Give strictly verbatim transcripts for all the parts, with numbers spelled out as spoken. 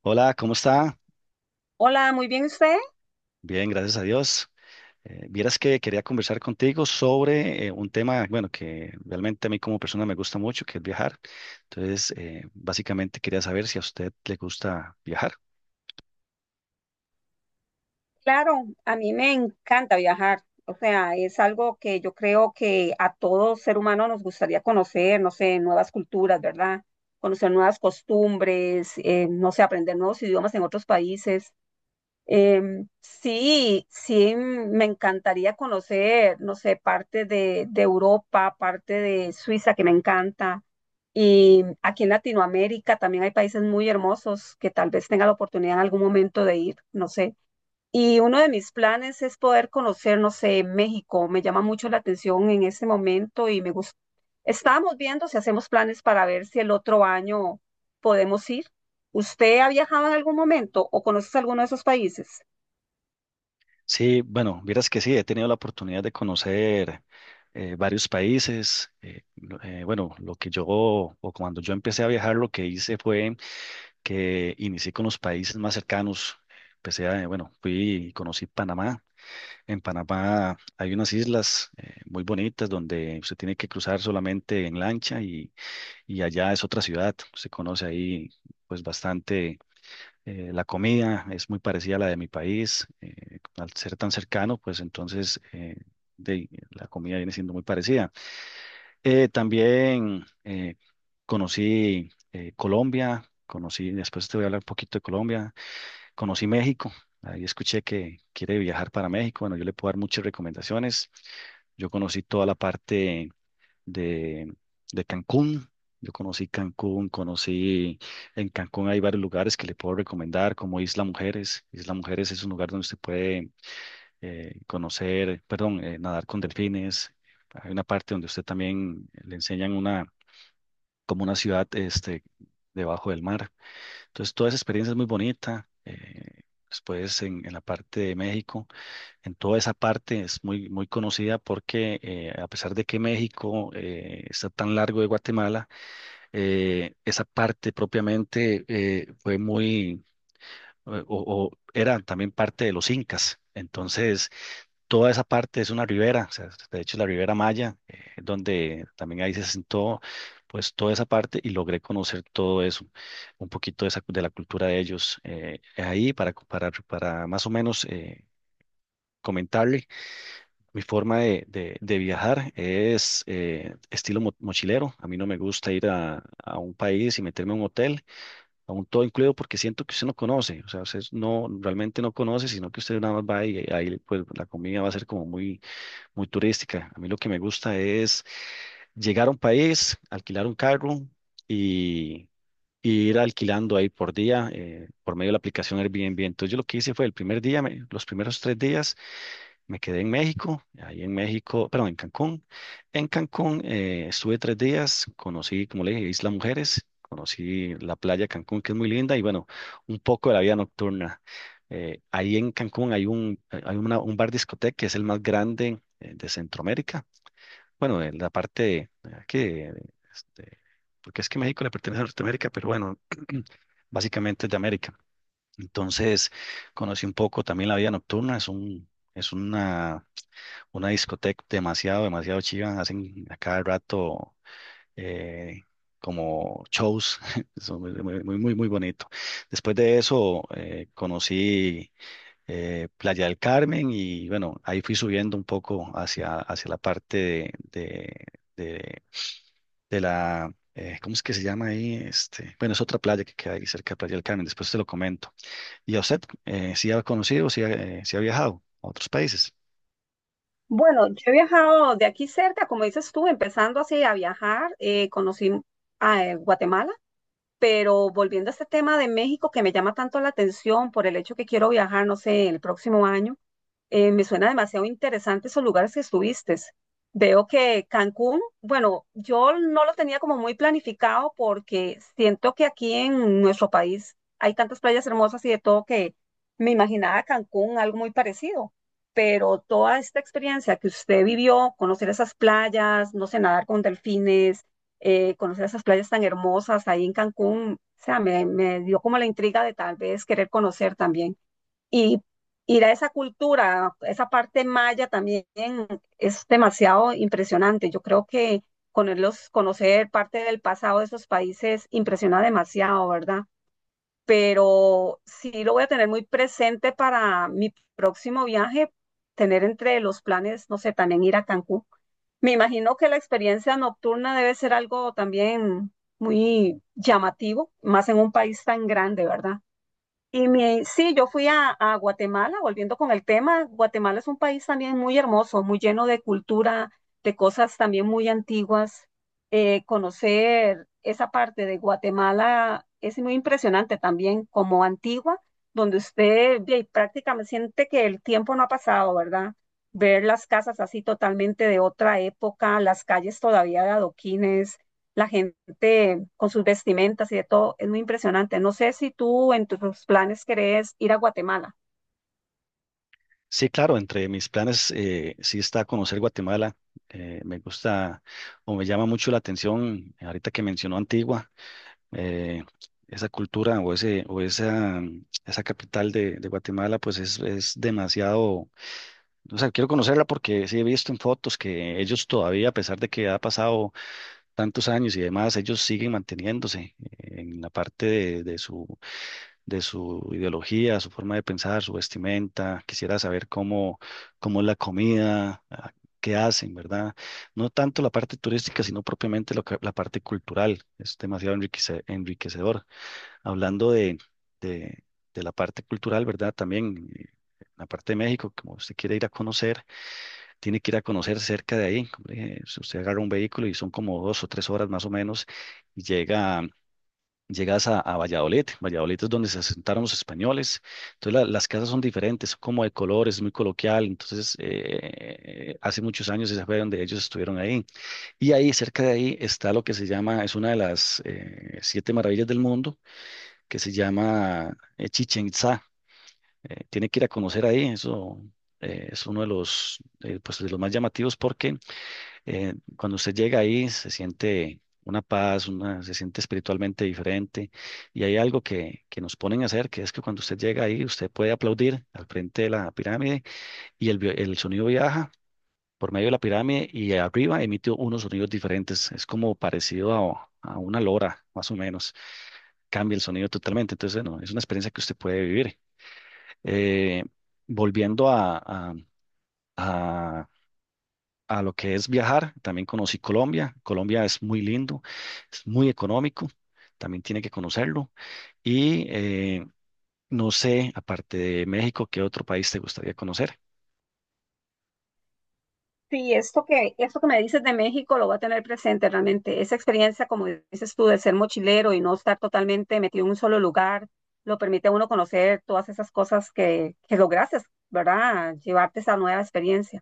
Hola, ¿cómo está? Hola, muy bien usted. Bien, gracias a Dios. Eh, vieras que quería conversar contigo sobre eh, un tema, bueno, que realmente a mí como persona me gusta mucho, que es viajar. Entonces, eh, básicamente quería saber si a usted le gusta viajar. Claro, a mí me encanta viajar. O sea, es algo que yo creo que a todo ser humano nos gustaría conocer, no sé, nuevas culturas, ¿verdad? Conocer nuevas costumbres, eh, no sé, aprender nuevos idiomas en otros países. Em, sí, sí, mm, me encantaría conocer, no sé, parte de, de Europa, parte de Suiza, que me encanta. Y aquí en Latinoamérica también hay países muy hermosos que tal vez tenga la oportunidad en algún momento de ir, no sé. Y uno de mis planes es poder conocer, no sé, México. Me llama mucho la atención en este momento y me gusta. Estábamos viendo si hacemos planes para ver si el otro año podemos ir. ¿Usted ha viajado en algún momento o conoces alguno de esos países? Sí, bueno, vieras que sí, he tenido la oportunidad de conocer eh, varios países. Eh, lo- eh, bueno, lo que yo, o cuando yo empecé a viajar, lo que hice fue que inicié con los países más cercanos. Empecé a, eh, bueno, fui y conocí Panamá. En Panamá hay unas islas eh, muy bonitas donde usted tiene que cruzar solamente en lancha y, y allá es otra ciudad. Se conoce ahí pues bastante eh, la comida, es muy parecida a la de mi país. Eh, al ser tan cercano, pues entonces eh, de- la comida viene siendo muy parecida. Eh, también eh, conocí eh, Colombia, conocí, después te voy a hablar un poquito de Colombia. Conocí México, ahí escuché que quiere viajar para México. Bueno, yo le puedo dar muchas recomendaciones. Yo conocí toda la parte de, de Cancún. Yo conocí Cancún, conocí en Cancún hay varios lugares que le puedo recomendar, como Isla Mujeres. Isla Mujeres es un lugar donde usted puede eh, conocer, perdón, eh, nadar con delfines. Hay una parte donde usted también le enseñan una, como una ciudad este, debajo del mar. Entonces, toda esa experiencia es muy bonita. Eh, después, en, en la parte de México, en toda esa parte es muy, muy conocida porque eh, a pesar de que México eh, está tan largo de Guatemala, eh, esa parte propiamente eh, fue muy, o, o- o era también parte de los incas. Entonces, toda esa parte es una ribera, o sea, de hecho la Ribera Maya, eh, donde también ahí se sentó pues toda esa parte y logré conocer todo eso, un poquito de, esa, de la cultura de ellos. Eh, ahí para, para, para más o menos eh, comentarle, mi forma de, de- de viajar es eh, estilo mo- mochilero, a mí no me gusta ir a, a un país y meterme a un hotel, a un todo incluido porque siento que usted no conoce, o sea, usted no, realmente no conoce, sino que usted nada más va y ahí pues la comida va a ser como muy muy turística. A mí lo que me gusta es llegar a un país, alquilar un carro y, y ir alquilando ahí por día eh, por medio de la aplicación Airbnb. Entonces yo lo que hice fue el primer día, me- los primeros tres días me quedé en México, ahí en México, perdón, en Cancún. En Cancún eh, estuve tres días, conocí, como le dije, Isla Mujeres. Conocí la playa de Cancún, que es muy linda, y bueno, un poco de la vida nocturna. Eh, ahí en Cancún hay un, hay una- un bar discoteca que es el más grande eh, de Centroamérica. Bueno, en la parte ah, que, este, porque es que México le pertenece a Norteamérica, pero bueno, básicamente es de América. Entonces, conocí un poco también la vida nocturna, es un, es una, una discoteca demasiado, demasiado chiva, hacen a cada rato eh, como shows, eso muy, muy, muy, muy muy bonito. Después de eso, eh, conocí eh, Playa del Carmen y bueno, ahí fui subiendo un poco hacia, hacia la parte de de- de de la, eh, ¿cómo es que se llama ahí? Este, bueno, es otra playa que queda ahí cerca de Playa del Carmen, después te lo comento. ¿Y a usted, eh, si ha conocido, si ha, eh, sí ha viajado a otros países? Bueno, yo he viajado de aquí cerca, como dices tú, empezando así a viajar, eh, conocí a eh, Guatemala, pero volviendo a este tema de México que me llama tanto la atención por el hecho que quiero viajar, no sé, el próximo año. Eh, me suena demasiado interesante esos lugares que estuviste. Veo que Cancún, bueno, yo no lo tenía como muy planificado porque siento que aquí en nuestro país hay tantas playas hermosas y de todo que me imaginaba Cancún algo muy parecido. Pero toda esta experiencia que usted vivió, conocer esas playas, no sé, nadar con delfines, eh, conocer esas playas tan hermosas ahí en Cancún, o sea, me, me dio como la intriga de tal vez querer conocer también. Y ir a esa cultura, esa parte maya también es demasiado impresionante. Yo creo que conocerlos, conocer parte del pasado de esos países impresiona demasiado, ¿verdad? Pero sí lo voy a tener muy presente para mi próximo viaje, tener entre los planes, no sé, también ir a Cancún. Me imagino que la experiencia nocturna debe ser algo también muy llamativo, más en un país tan grande, ¿verdad? Y mi, sí, yo fui a, a Guatemala, volviendo con el tema, Guatemala es un país también muy hermoso, muy lleno de cultura, de cosas también muy antiguas. Eh, conocer esa parte de Guatemala es muy impresionante también, como antigua, donde usted ve, y prácticamente siente que el tiempo no ha pasado, ¿verdad? Ver las casas así totalmente de otra época, las calles todavía de adoquines, la gente de- con sus vestimentas y de todo, es muy impresionante. No sé si tú en tus planes querés ir a Guatemala. Sí, claro, entre mis planes eh, sí está conocer Guatemala. Eh, me gusta o me llama mucho la atención, eh, ahorita que mencionó Antigua, eh, esa cultura o, ese, o esa, mm, esa capital de, de Guatemala, pues es, es demasiado, o sea, quiero conocerla porque sí he visto en fotos que ellos todavía, a pesar de que ha pasado tantos años y demás, ellos siguen manteniéndose eh, en la parte de, de su, de su ideología, su forma de pensar, su vestimenta. Quisiera saber cómo, cómo es la comida, ah, qué hacen, ¿verdad? No tanto la parte turística, sino propiamente lo que- la parte cultural. Es demasiado enriquece- enriquecedor. Hablando de, de, de la parte cultural, ¿verdad? También eh, la parte de México, como usted quiere ir a conocer tiene que ir a conocer cerca de ahí. Como le dije, si usted agarra un vehículo y son como dos o tres horas más o menos, y llega, llegas a, a Valladolid. Valladolid es donde se asentaron los españoles. Entonces la- las casas son diferentes, son como de colores, muy coloquial. Entonces eh, hace muchos años esa fue donde ellos estuvieron ahí. Y ahí, cerca de ahí, está lo que se llama, es una de las eh, siete maravillas del mundo, que se llama eh, Chichén Itzá. Eh, tiene que ir a conocer ahí, eso eh, es uno de los, eh, pues, de los más llamativos porque eh, cuando usted llega ahí se siente una paz, una, se siente espiritualmente diferente y hay algo que, que nos ponen a hacer, que es que cuando usted llega ahí usted puede aplaudir al frente de la pirámide y el, vi- el sonido viaja por medio de la pirámide y arriba emite unos sonidos diferentes. Es como parecido a, a una lora, más o menos. Cambia el sonido totalmente. Entonces, no, es una experiencia que usted puede vivir. Eh, volviendo a, a, a lo que es viajar. También conocí Colombia. Colombia es muy lindo, es muy económico. También tiene que conocerlo. Y eh, no sé, aparte de México, ¿qué otro país te gustaría conocer? Sí, esto que, esto que me dices de México lo voy a tener presente realmente. Esa experiencia, como dices tú, de ser mochilero y no estar totalmente metido en un solo lugar, lo permite a uno conocer todas esas cosas que, que lograste, ¿verdad? Llevarte esa nueva experiencia.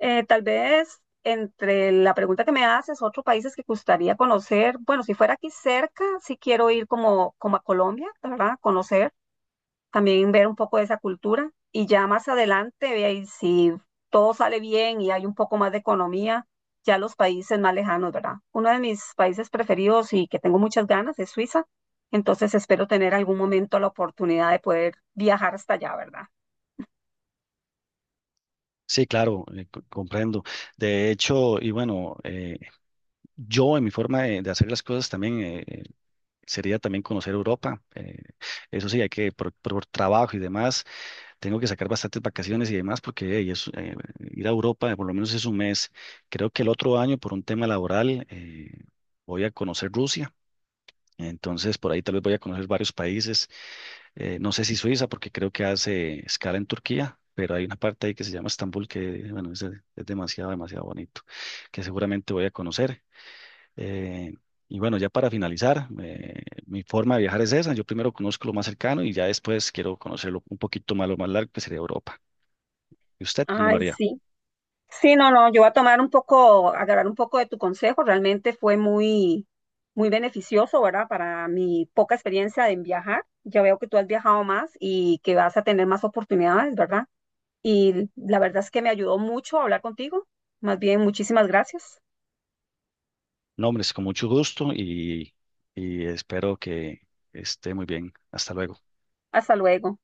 Eh, tal vez entre la pregunta que me haces, otros países que gustaría conocer, bueno, si fuera aquí cerca, sí quiero ir como, como a Colombia, ¿verdad? Conocer también ver un poco de esa cultura y ya más adelante, ve ahí, si todo sale bien y hay un poco más de economía, ya los países más lejanos, ¿verdad? Uno de mis países preferidos y que tengo muchas ganas es Suiza, entonces espero tener algún momento la oportunidad de poder viajar hasta allá, ¿verdad? Sí, claro, eh, co- comprendo. De hecho, y bueno, eh, yo en mi forma de, de hacer las cosas también eh, eh, sería también conocer Europa. Eh, eso sí, hay que por, por trabajo y demás tengo que sacar bastantes vacaciones y demás porque hey, es, eh, ir a Europa eh, por lo menos es un mes. Creo que el otro año por un tema laboral eh, voy a conocer Rusia. Entonces por ahí tal vez voy a conocer varios países. Eh, no sé si Suiza porque creo que hace escala en Turquía, pero hay una parte ahí que se llama Estambul que bueno, es, es demasiado, demasiado bonito, que seguramente voy a conocer. Eh, y bueno, ya para finalizar, eh, mi forma de viajar es esa. Yo primero conozco lo más cercano y ya después quiero conocer lo- un poquito más lo más largo que sería Europa. ¿Y usted cómo lo Ay, haría? sí. Sí, no, no, yo voy a tomar un poco, agarrar un poco de tu consejo, realmente fue muy, muy beneficioso, ¿verdad? Para mi poca experiencia en viajar, ya veo que tú has viajado más y que vas a tener más oportunidades, ¿verdad? Y la verdad es que me ayudó mucho a hablar contigo. Más bien, muchísimas gracias. No, hombre, es con mucho gusto y, y espero que esté muy bien. Hasta luego. Hasta luego.